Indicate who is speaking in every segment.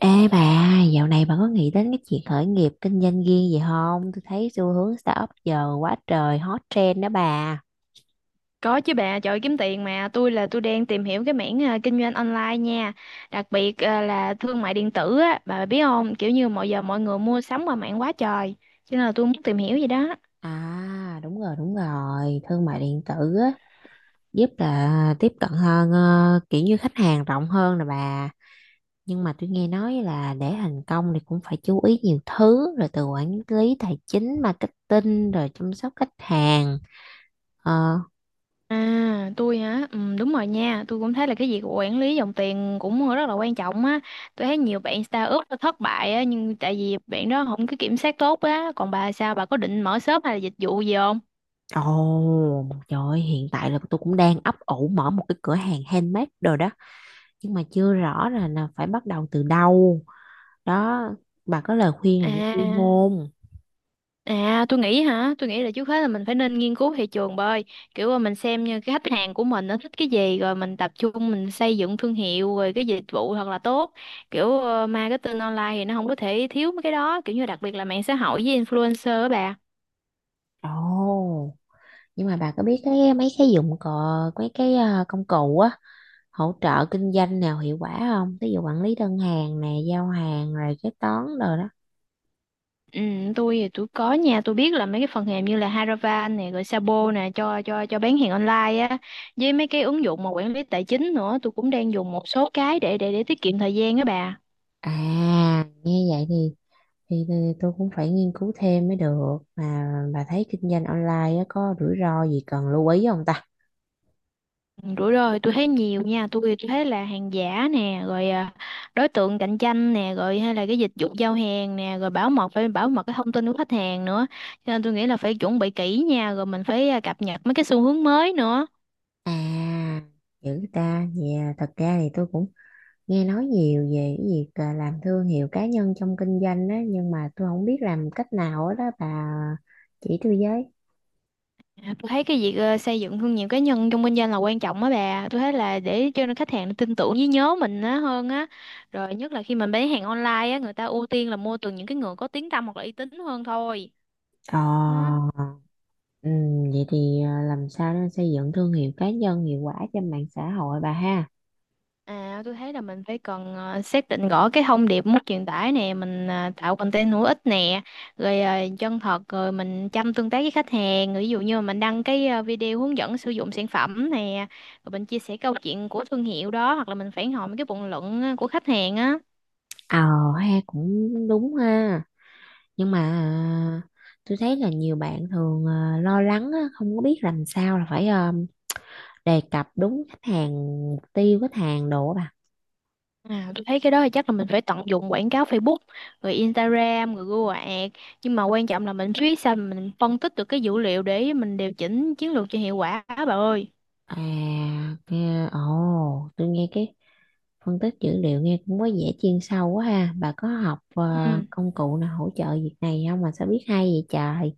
Speaker 1: Ê bà, dạo này bà có nghĩ đến cái chuyện khởi nghiệp kinh doanh riêng gì không? Tôi thấy xu hướng startup giờ quá trời hot trend đó bà.
Speaker 2: Có chứ bà, trời ơi, kiếm tiền mà tôi đang tìm hiểu cái mảng kinh doanh online nha, đặc biệt là thương mại điện tử á, bà biết không? Kiểu như mọi giờ mọi người mua sắm qua mạng quá trời, cho nên là tôi muốn tìm hiểu gì đó.
Speaker 1: À, đúng rồi, đúng rồi. Thương mại điện tử á, giúp là tiếp cận hơn, kiểu như khách hàng rộng hơn nè bà. Nhưng mà tôi nghe nói là để thành công thì cũng phải chú ý nhiều thứ, rồi từ quản lý tài chính, marketing, rồi chăm sóc khách hàng. Ờ,
Speaker 2: À, tôi hả? Ừ, đúng rồi nha, tôi cũng thấy là cái việc quản lý dòng tiền cũng rất là quan trọng á. Tôi thấy nhiều bạn startup nó thất bại á, nhưng tại vì bạn đó không có kiểm soát tốt á, còn bà sao? Bà có định mở shop hay là dịch vụ gì không?
Speaker 1: ồ, trời ơi, hiện tại là tôi cũng đang ấp ủ mở một cái cửa hàng handmade đồ đó. Nhưng mà chưa rõ là phải bắt đầu từ đâu đó, bà có lời khuyên nào cho tôi
Speaker 2: À.
Speaker 1: không?
Speaker 2: À Tôi nghĩ là trước hết là mình phải nên nghiên cứu thị trường bơi. Kiểu là mình xem như cái khách hàng của mình nó thích cái gì, rồi mình tập trung mình xây dựng thương hiệu, rồi cái dịch vụ thật là tốt. Kiểu marketing online thì nó không có thể thiếu mấy cái đó, kiểu như đặc biệt là mạng xã hội với influencer á bà.
Speaker 1: Ồ, nhưng mà bà có biết cái mấy cái dụng cụ, mấy cái công cụ á hỗ trợ kinh doanh nào hiệu quả không? Ví dụ quản lý đơn hàng nè, giao hàng, rồi kế toán rồi đó.
Speaker 2: Ừ tôi có nha. Tôi biết là mấy cái phần mềm như là Haravan này, rồi Sabo nè cho bán hàng online á. Với mấy cái ứng dụng mà quản lý tài chính nữa, tôi cũng đang dùng một số cái để tiết kiệm thời gian á bà.
Speaker 1: À, nghe vậy thì thì tôi cũng phải nghiên cứu thêm mới được. Mà bà thấy kinh doanh online á, có rủi ro gì cần lưu ý không ta?
Speaker 2: Ừ, rủi ro thì tôi thấy nhiều nha, tôi thấy là hàng giả nè, rồi đối tượng cạnh tranh nè, rồi hay là cái dịch vụ giao hàng nè, rồi bảo mật, phải bảo mật cái thông tin của khách hàng nữa, cho nên tôi nghĩ là phải chuẩn bị kỹ nha, rồi mình phải cập nhật mấy cái xu hướng mới nữa.
Speaker 1: À, dữ ta. Dạ thật ra thì tôi cũng nghe nói nhiều về cái việc làm thương hiệu cá nhân trong kinh doanh á, nhưng mà tôi không biết làm cách nào hết đó bà, chỉ tôi với.
Speaker 2: À, tôi thấy cái việc xây dựng thương hiệu cá nhân trong kinh doanh là quan trọng á bà, tôi thấy là để cho nên khách hàng tin tưởng với nhớ mình á hơn á, rồi nhất là khi mình bán hàng online á, người ta ưu tiên là mua từ những cái người có tiếng tăm hoặc là uy tín hơn thôi đó.
Speaker 1: Ờ, ừ, vậy thì làm sao để xây dựng thương hiệu cá nhân hiệu quả trên mạng xã hội bà ha?
Speaker 2: À, tôi thấy là mình phải cần xác định rõ cái thông điệp muốn truyền tải nè, mình tạo content hữu ích nè, rồi chân thật, rồi mình chăm tương tác với khách hàng, rồi ví dụ như mình đăng cái video hướng dẫn sử dụng sản phẩm nè, rồi mình chia sẻ câu chuyện của thương hiệu đó, hoặc là mình phản hồi mấy cái bình luận của khách hàng á.
Speaker 1: Ờ, ha, cũng đúng ha. Nhưng mà tôi thấy là nhiều bạn thường lo lắng á, không có biết làm sao là phải đề cập đúng khách hàng, mục tiêu khách hàng đồ á bà.
Speaker 2: À, tôi thấy cái đó thì chắc là mình phải tận dụng quảng cáo Facebook, rồi Instagram, rồi Google Ads, nhưng mà quan trọng là mình biết sao mình phân tích được cái dữ liệu để mình điều chỉnh chiến lược cho hiệu quả á, bà ơi.
Speaker 1: À, nghe, ồ, tôi nghe cái phân tích dữ liệu nghe cũng có vẻ chuyên sâu quá ha. Bà có học
Speaker 2: Ừ.
Speaker 1: công cụ nào hỗ trợ việc này không mà sao biết hay vậy trời?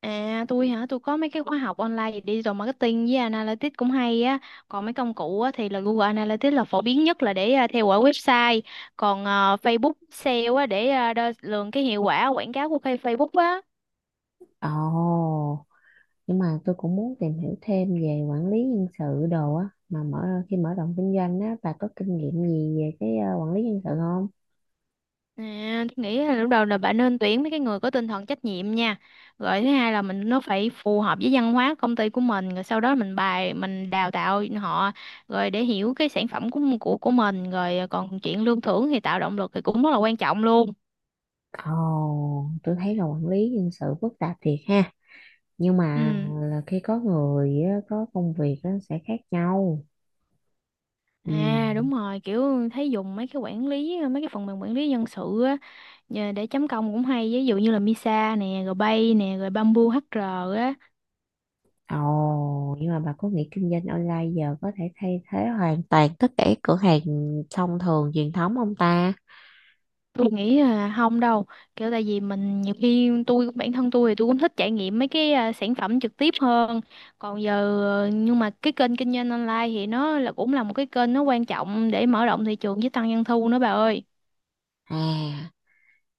Speaker 2: À tôi hả, tôi có mấy cái khóa học online về digital marketing với analytics cũng hay á. Còn mấy công cụ á, thì là Google Analytics là phổ biến nhất là để theo dõi website. Còn Facebook sale á, để đo lường cái hiệu quả quảng cáo của cái Facebook á.
Speaker 1: Ồ, nhưng mà tôi cũng muốn tìm hiểu thêm về quản lý nhân sự đồ á. Mà mở Khi mở rộng kinh doanh á, bà có kinh nghiệm gì về cái quản lý nhân sự không?
Speaker 2: À, tôi nghĩ là lúc đầu là bạn nên tuyển mấy cái người có tinh thần trách nhiệm nha. Rồi thứ hai là mình nó phải phù hợp với văn hóa công ty của mình. Rồi sau đó mình bài mình đào tạo họ rồi để hiểu cái sản phẩm của mình. Rồi à, còn chuyện lương thưởng thì tạo động lực thì cũng rất là quan trọng luôn.
Speaker 1: Ồ, tôi thấy là quản lý nhân sự phức tạp thiệt ha. Nhưng mà
Speaker 2: Ừ.
Speaker 1: là khi có người á, có công việc nó sẽ khác nhau. Ừ.
Speaker 2: À đúng rồi, kiểu thấy dùng mấy cái quản lý, mấy cái phần mềm quản lý nhân sự á, nhờ để chấm công cũng hay, ví dụ như là Misa nè, rồi Bay nè, rồi Bamboo HR á.
Speaker 1: Ồ, nhưng mà bà có nghĩ kinh doanh online giờ có thể thay thế hoàn toàn tất cả các cửa hàng thông thường, truyền thống không ta?
Speaker 2: Tôi nghĩ là không đâu, kiểu tại vì mình nhiều khi tôi bản thân tôi cũng thích trải nghiệm mấy cái sản phẩm trực tiếp hơn. Còn giờ nhưng mà cái kênh kinh doanh online thì nó là cũng là một cái kênh nó quan trọng để mở rộng thị trường với tăng doanh thu nữa bà ơi.
Speaker 1: À,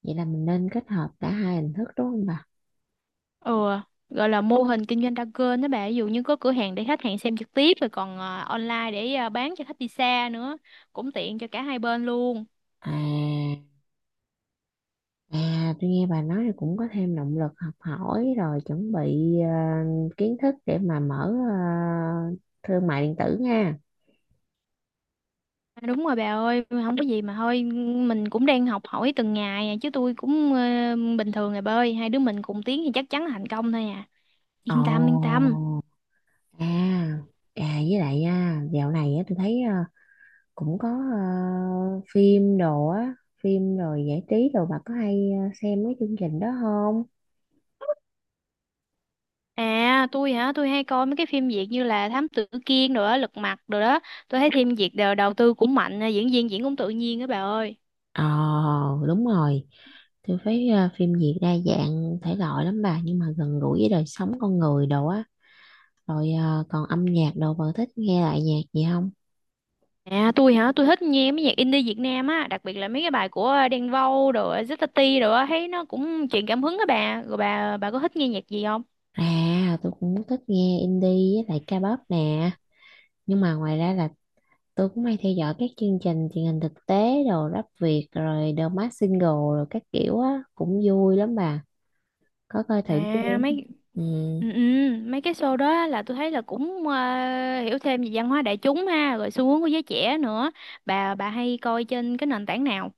Speaker 1: vậy là mình nên kết hợp cả hai hình thức đúng không bà?
Speaker 2: Ừ, gọi là mô hình kinh doanh đa kênh đó bà, ví dụ như có cửa hàng để khách hàng xem trực tiếp, rồi còn online để bán cho khách đi xa nữa, cũng tiện cho cả hai bên luôn.
Speaker 1: À, à, tôi nghe bà nói thì cũng có thêm động lực học hỏi rồi chuẩn bị kiến thức để mà mở thương mại điện tử nha.
Speaker 2: À, đúng rồi bà ơi, không có gì mà thôi, mình cũng đang học hỏi từng ngày chứ tôi cũng bình thường rồi bà ơi, hai đứa mình cùng tiến thì chắc chắn là thành công thôi à, yên tâm yên
Speaker 1: Ồ,
Speaker 2: tâm.
Speaker 1: à, à, với lại dạo này á, tôi thấy cũng có phim đồ á, phim rồi giải trí đồ, bà có hay xem mấy chương trình đó không?
Speaker 2: À tôi hả, tôi hay coi mấy cái phim Việt như là Thám Tử Kiên rồi đó, Lật Mặt rồi đó, tôi thấy phim Việt đều đầu tư cũng mạnh, diễn viên diễn cũng tự nhiên đó bà ơi.
Speaker 1: Ồ, đúng rồi. Tôi thấy phim Việt đa dạng thể loại lắm bà, nhưng mà gần gũi với đời sống con người đồ á. Rồi còn âm nhạc đồ, bà thích nghe lại nhạc gì không?
Speaker 2: À tôi hả, tôi thích nghe mấy nhạc indie Việt Nam á, đặc biệt là mấy cái bài của Đen Vâu rồi Zeta T rồi á, thấy nó cũng truyền cảm hứng á bà. Rồi bà có thích nghe nhạc gì không?
Speaker 1: À, tôi cũng thích nghe indie với lại ca pop nè. Nhưng mà ngoài ra là tôi cũng hay theo dõi các chương trình truyền hình thực tế đồ, rap Việt rồi The Masked Singer rồi các kiểu á, cũng vui lắm bà, có coi thử chưa?
Speaker 2: À mấy
Speaker 1: Ừ,
Speaker 2: ừ, ừ, Mấy cái show đó là tôi thấy là cũng hiểu thêm về văn hóa đại chúng ha, rồi xu hướng của giới trẻ nữa. Bà hay coi trên cái nền tảng nào?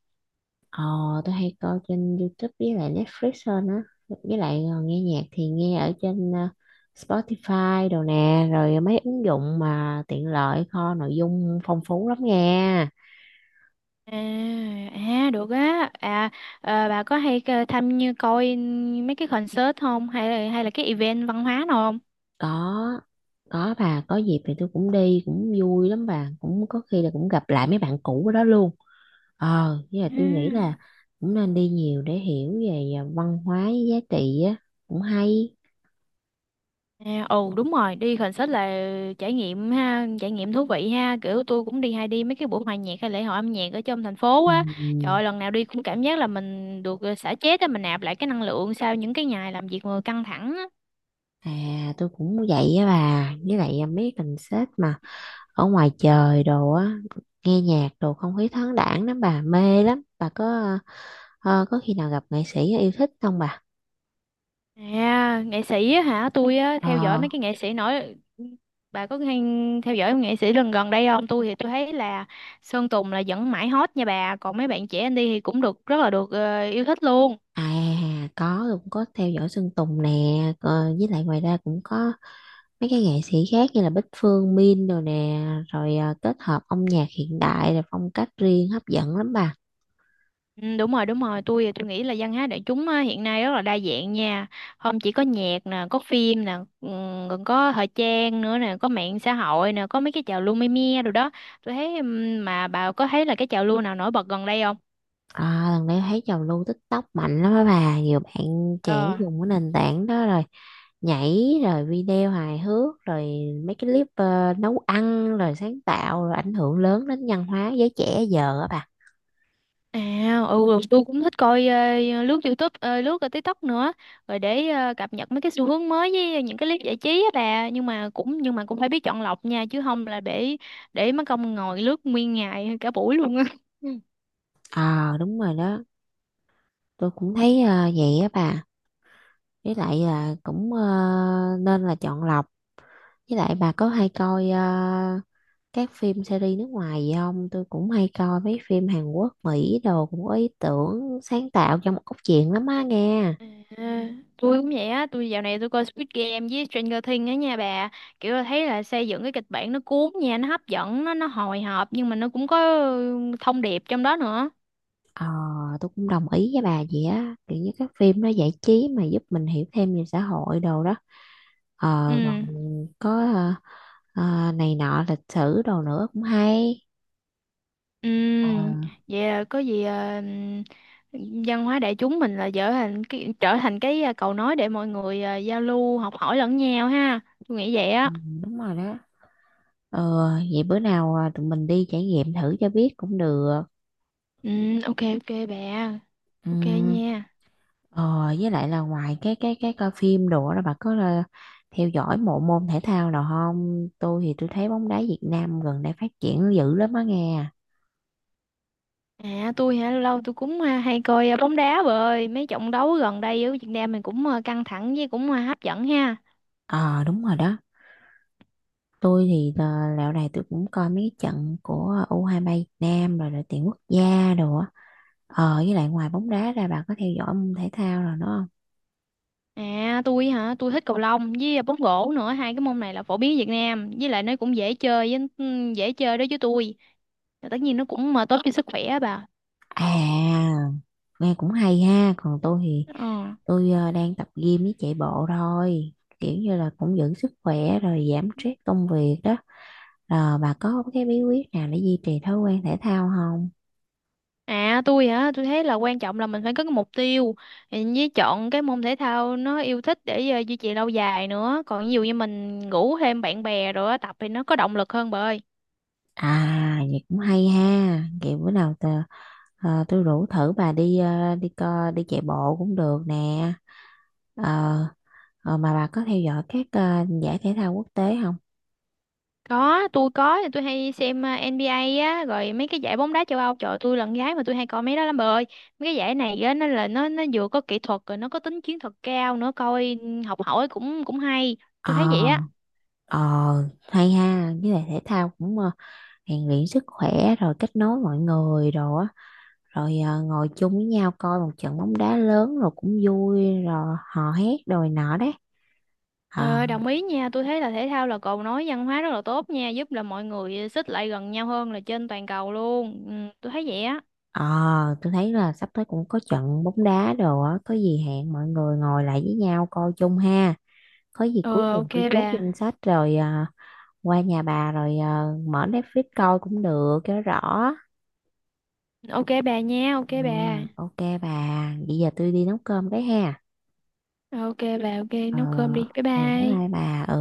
Speaker 1: ờ, tôi hay coi trên YouTube với lại Netflix hơn á. Với lại nghe nhạc thì nghe ở trên Spotify đồ nè, rồi mấy ứng dụng mà tiện lợi, kho nội dung phong phú lắm nha.
Speaker 2: À, à được á. À, bà có hay tham như coi mấy cái concert không, hay là cái event văn hóa nào không?
Speaker 1: có có bà, có dịp thì tôi cũng đi, cũng vui lắm bà, cũng có khi là cũng gặp lại mấy bạn cũ ở đó luôn. Ờ, với lại
Speaker 2: À.
Speaker 1: tôi nghĩ là cũng nên đi nhiều để hiểu về văn hóa, giá trị á, cũng hay.
Speaker 2: À, ừ đúng rồi, đi concert là trải nghiệm ha, trải nghiệm thú vị ha, kiểu tôi cũng đi, hay đi mấy cái buổi hòa nhạc hay lễ hội âm nhạc ở trong thành phố á, trời
Speaker 1: Ừ.
Speaker 2: ơi, lần nào đi cũng cảm giác là mình được xả stress á, mình nạp lại cái năng lượng sau những cái ngày làm việc mà căng thẳng á.
Speaker 1: À, tôi cũng vậy á bà. Với lại mấy cái concert mà ở ngoài trời đồ á, nghe nhạc đồ không khí thoáng đãng lắm bà, mê lắm. Bà có có khi nào gặp nghệ sĩ yêu thích không bà?
Speaker 2: À nghệ sĩ á hả, tôi á theo dõi
Speaker 1: Ờ.
Speaker 2: mấy cái nghệ sĩ nổi. Bà có hay theo dõi nghệ sĩ lần gần đây không? Tôi thấy là Sơn Tùng là vẫn mãi hot nha bà, còn mấy bạn trẻ anh đi thì cũng được rất là được yêu thích luôn.
Speaker 1: À, có, tôi cũng có theo dõi Sơn Tùng nè. Ờ, với lại ngoài ra cũng có mấy cái nghệ sĩ khác như là Bích Phương, Min đồ nè. Rồi kết hợp âm nhạc hiện đại, rồi phong cách riêng hấp dẫn lắm bà.
Speaker 2: Ừ, đúng rồi đúng rồi, tôi nghĩ là văn hóa đại chúng á, hiện nay rất là đa dạng nha, không chỉ có nhạc nè, có phim nè, còn có thời trang nữa nè, có mạng xã hội nè, có mấy cái trào lưu me me rồi đó. Tôi thấy mà bà có thấy là cái trào lưu nào nổi bật gần đây không?
Speaker 1: À, lần đấy thấy trào lưu TikTok mạnh lắm á bà, nhiều bạn trẻ
Speaker 2: Ờ.
Speaker 1: dùng cái nền tảng đó rồi nhảy, rồi video hài hước, rồi mấy cái clip nấu ăn, rồi sáng tạo, rồi ảnh hưởng lớn đến văn hóa giới trẻ giờ á bà.
Speaker 2: À ừ, rồi tôi cũng thích coi lướt YouTube, lướt ở TikTok nữa, rồi để cập nhật mấy cái xu hướng mới với những cái clip giải trí á bà, nhưng mà cũng phải biết chọn lọc nha, chứ không là để mất công ngồi lướt nguyên ngày cả buổi luôn á.
Speaker 1: À, đúng rồi đó, tôi cũng thấy vậy á bà. Với lại là cũng nên là chọn lọc. Với lại bà có hay coi các phim series nước ngoài gì không? Tôi cũng hay coi mấy phim Hàn Quốc, Mỹ đồ, cũng có ý tưởng sáng tạo trong một cốt truyện lắm á nghe.
Speaker 2: À, tôi cũng vậy á, tôi dạo này tôi coi Squid Game với Stranger Things á nha bà. Kiểu là thấy là xây dựng cái kịch bản nó cuốn nha, nó hấp dẫn, nó hồi hộp, nhưng mà nó cũng có ừ, thông điệp trong đó nữa.
Speaker 1: Ờ, tôi cũng đồng ý với bà vậy á, kiểu như các phim nó giải trí mà giúp mình hiểu thêm về xã hội đồ đó. Ờ, còn
Speaker 2: Ừ.
Speaker 1: có này nọ lịch sử đồ nữa, cũng hay.
Speaker 2: Ừ.
Speaker 1: Ờ,
Speaker 2: Vậy là có gì văn hóa đại chúng mình là trở thành cái cầu nối để mọi người giao lưu, học hỏi lẫn nhau ha. Tôi nghĩ vậy
Speaker 1: ừ,
Speaker 2: á.
Speaker 1: đúng rồi đó. Ờ, vậy bữa nào tụi mình đi trải nghiệm thử cho biết cũng được.
Speaker 2: Ừ, ok ok bà. Ok
Speaker 1: Ừm,
Speaker 2: nha.
Speaker 1: ờ, với lại là ngoài cái cái coi phim đồ đó, bà có là theo dõi bộ môn thể thao nào không? Tôi thì tôi thấy bóng đá Việt Nam gần đây phát triển dữ lắm á nghe.
Speaker 2: À tôi hả, lâu lâu tôi cũng hay coi bóng đá, rồi mấy trận đấu gần đây ở Việt Nam mình cũng căng thẳng với cũng hấp dẫn ha.
Speaker 1: Ờ, đúng rồi đó. Tôi thì dạo này tôi cũng coi mấy cái trận của U23 hai ba Việt Nam rồi đội tuyển quốc gia đồ á. Ờ, với lại ngoài bóng đá ra, bà có theo dõi môn thể thao rồi đúng không?
Speaker 2: À tôi hả, tôi thích cầu lông với bóng rổ nữa, hai cái môn này là phổ biến ở Việt Nam, với lại nó cũng dễ chơi với ừ, dễ chơi đối với tôi. Và tất nhiên nó cũng mà tốt cho sức khỏe á bà.
Speaker 1: À, nghe cũng hay ha. Còn tôi thì
Speaker 2: Ờ.
Speaker 1: tôi đang tập gym với chạy bộ thôi. Kiểu như là cũng giữ sức khỏe rồi giảm stress công việc đó. Rồi bà có cái bí quyết nào để duy trì thói quen thể thao không?
Speaker 2: À tôi hả, tôi thấy là quan trọng là mình phải có cái mục tiêu với chọn cái môn thể thao nó yêu thích để duy trì lâu dài nữa. Còn ví dụ như mình ngủ thêm bạn bè rồi á, tập thì nó có động lực hơn bà ơi.
Speaker 1: À, vậy cũng hay ha. Kiểu bữa nào tôi rủ thử bà đi đi co, đi chạy bộ cũng được nè. Ờ, ờ, mà bà có theo dõi các giải thể thao quốc tế không?
Speaker 2: Có, tôi hay xem NBA á, rồi mấy cái giải bóng đá châu Âu, trời ơi, tôi là con gái mà tôi hay coi mấy đó lắm bà ơi. Mấy cái giải này á, nó là nó vừa có kỹ thuật rồi nó có tính chiến thuật cao nữa, coi học hỏi cũng cũng hay.
Speaker 1: Ờ,
Speaker 2: Tôi thấy vậy á.
Speaker 1: ờ, hay ha, với lại thể thao cũng rèn luyện sức khỏe, rồi kết nối mọi người rồi á, rồi ngồi chung với nhau coi một trận bóng đá lớn rồi cũng vui, rồi hò hét rồi nọ đấy. Ờ,
Speaker 2: Ờ, đồng ý nha, tôi thấy là thể thao là cầu nối văn hóa rất là tốt nha, giúp là mọi người xích lại gần nhau hơn là trên toàn cầu luôn. Ừ, tôi thấy vậy á.
Speaker 1: ờ, tôi thấy là sắp tới cũng có trận bóng đá đồ á, có gì hẹn mọi người ngồi lại với nhau coi chung ha. Có gì
Speaker 2: Ờ,
Speaker 1: cuối tuần
Speaker 2: ok
Speaker 1: tôi chốt
Speaker 2: bà.
Speaker 1: danh sách rồi qua nhà bà rồi mở Netflix coi cũng được cho rõ.
Speaker 2: Ok bà nha, ok
Speaker 1: Ừ,
Speaker 2: bà.
Speaker 1: ok bà, bây giờ tôi đi nấu cơm cái ha.
Speaker 2: Ok bà, ok,
Speaker 1: Ờ,
Speaker 2: nấu cơm đi. Bye
Speaker 1: ừ, bye
Speaker 2: bye.
Speaker 1: bye bà, ừ.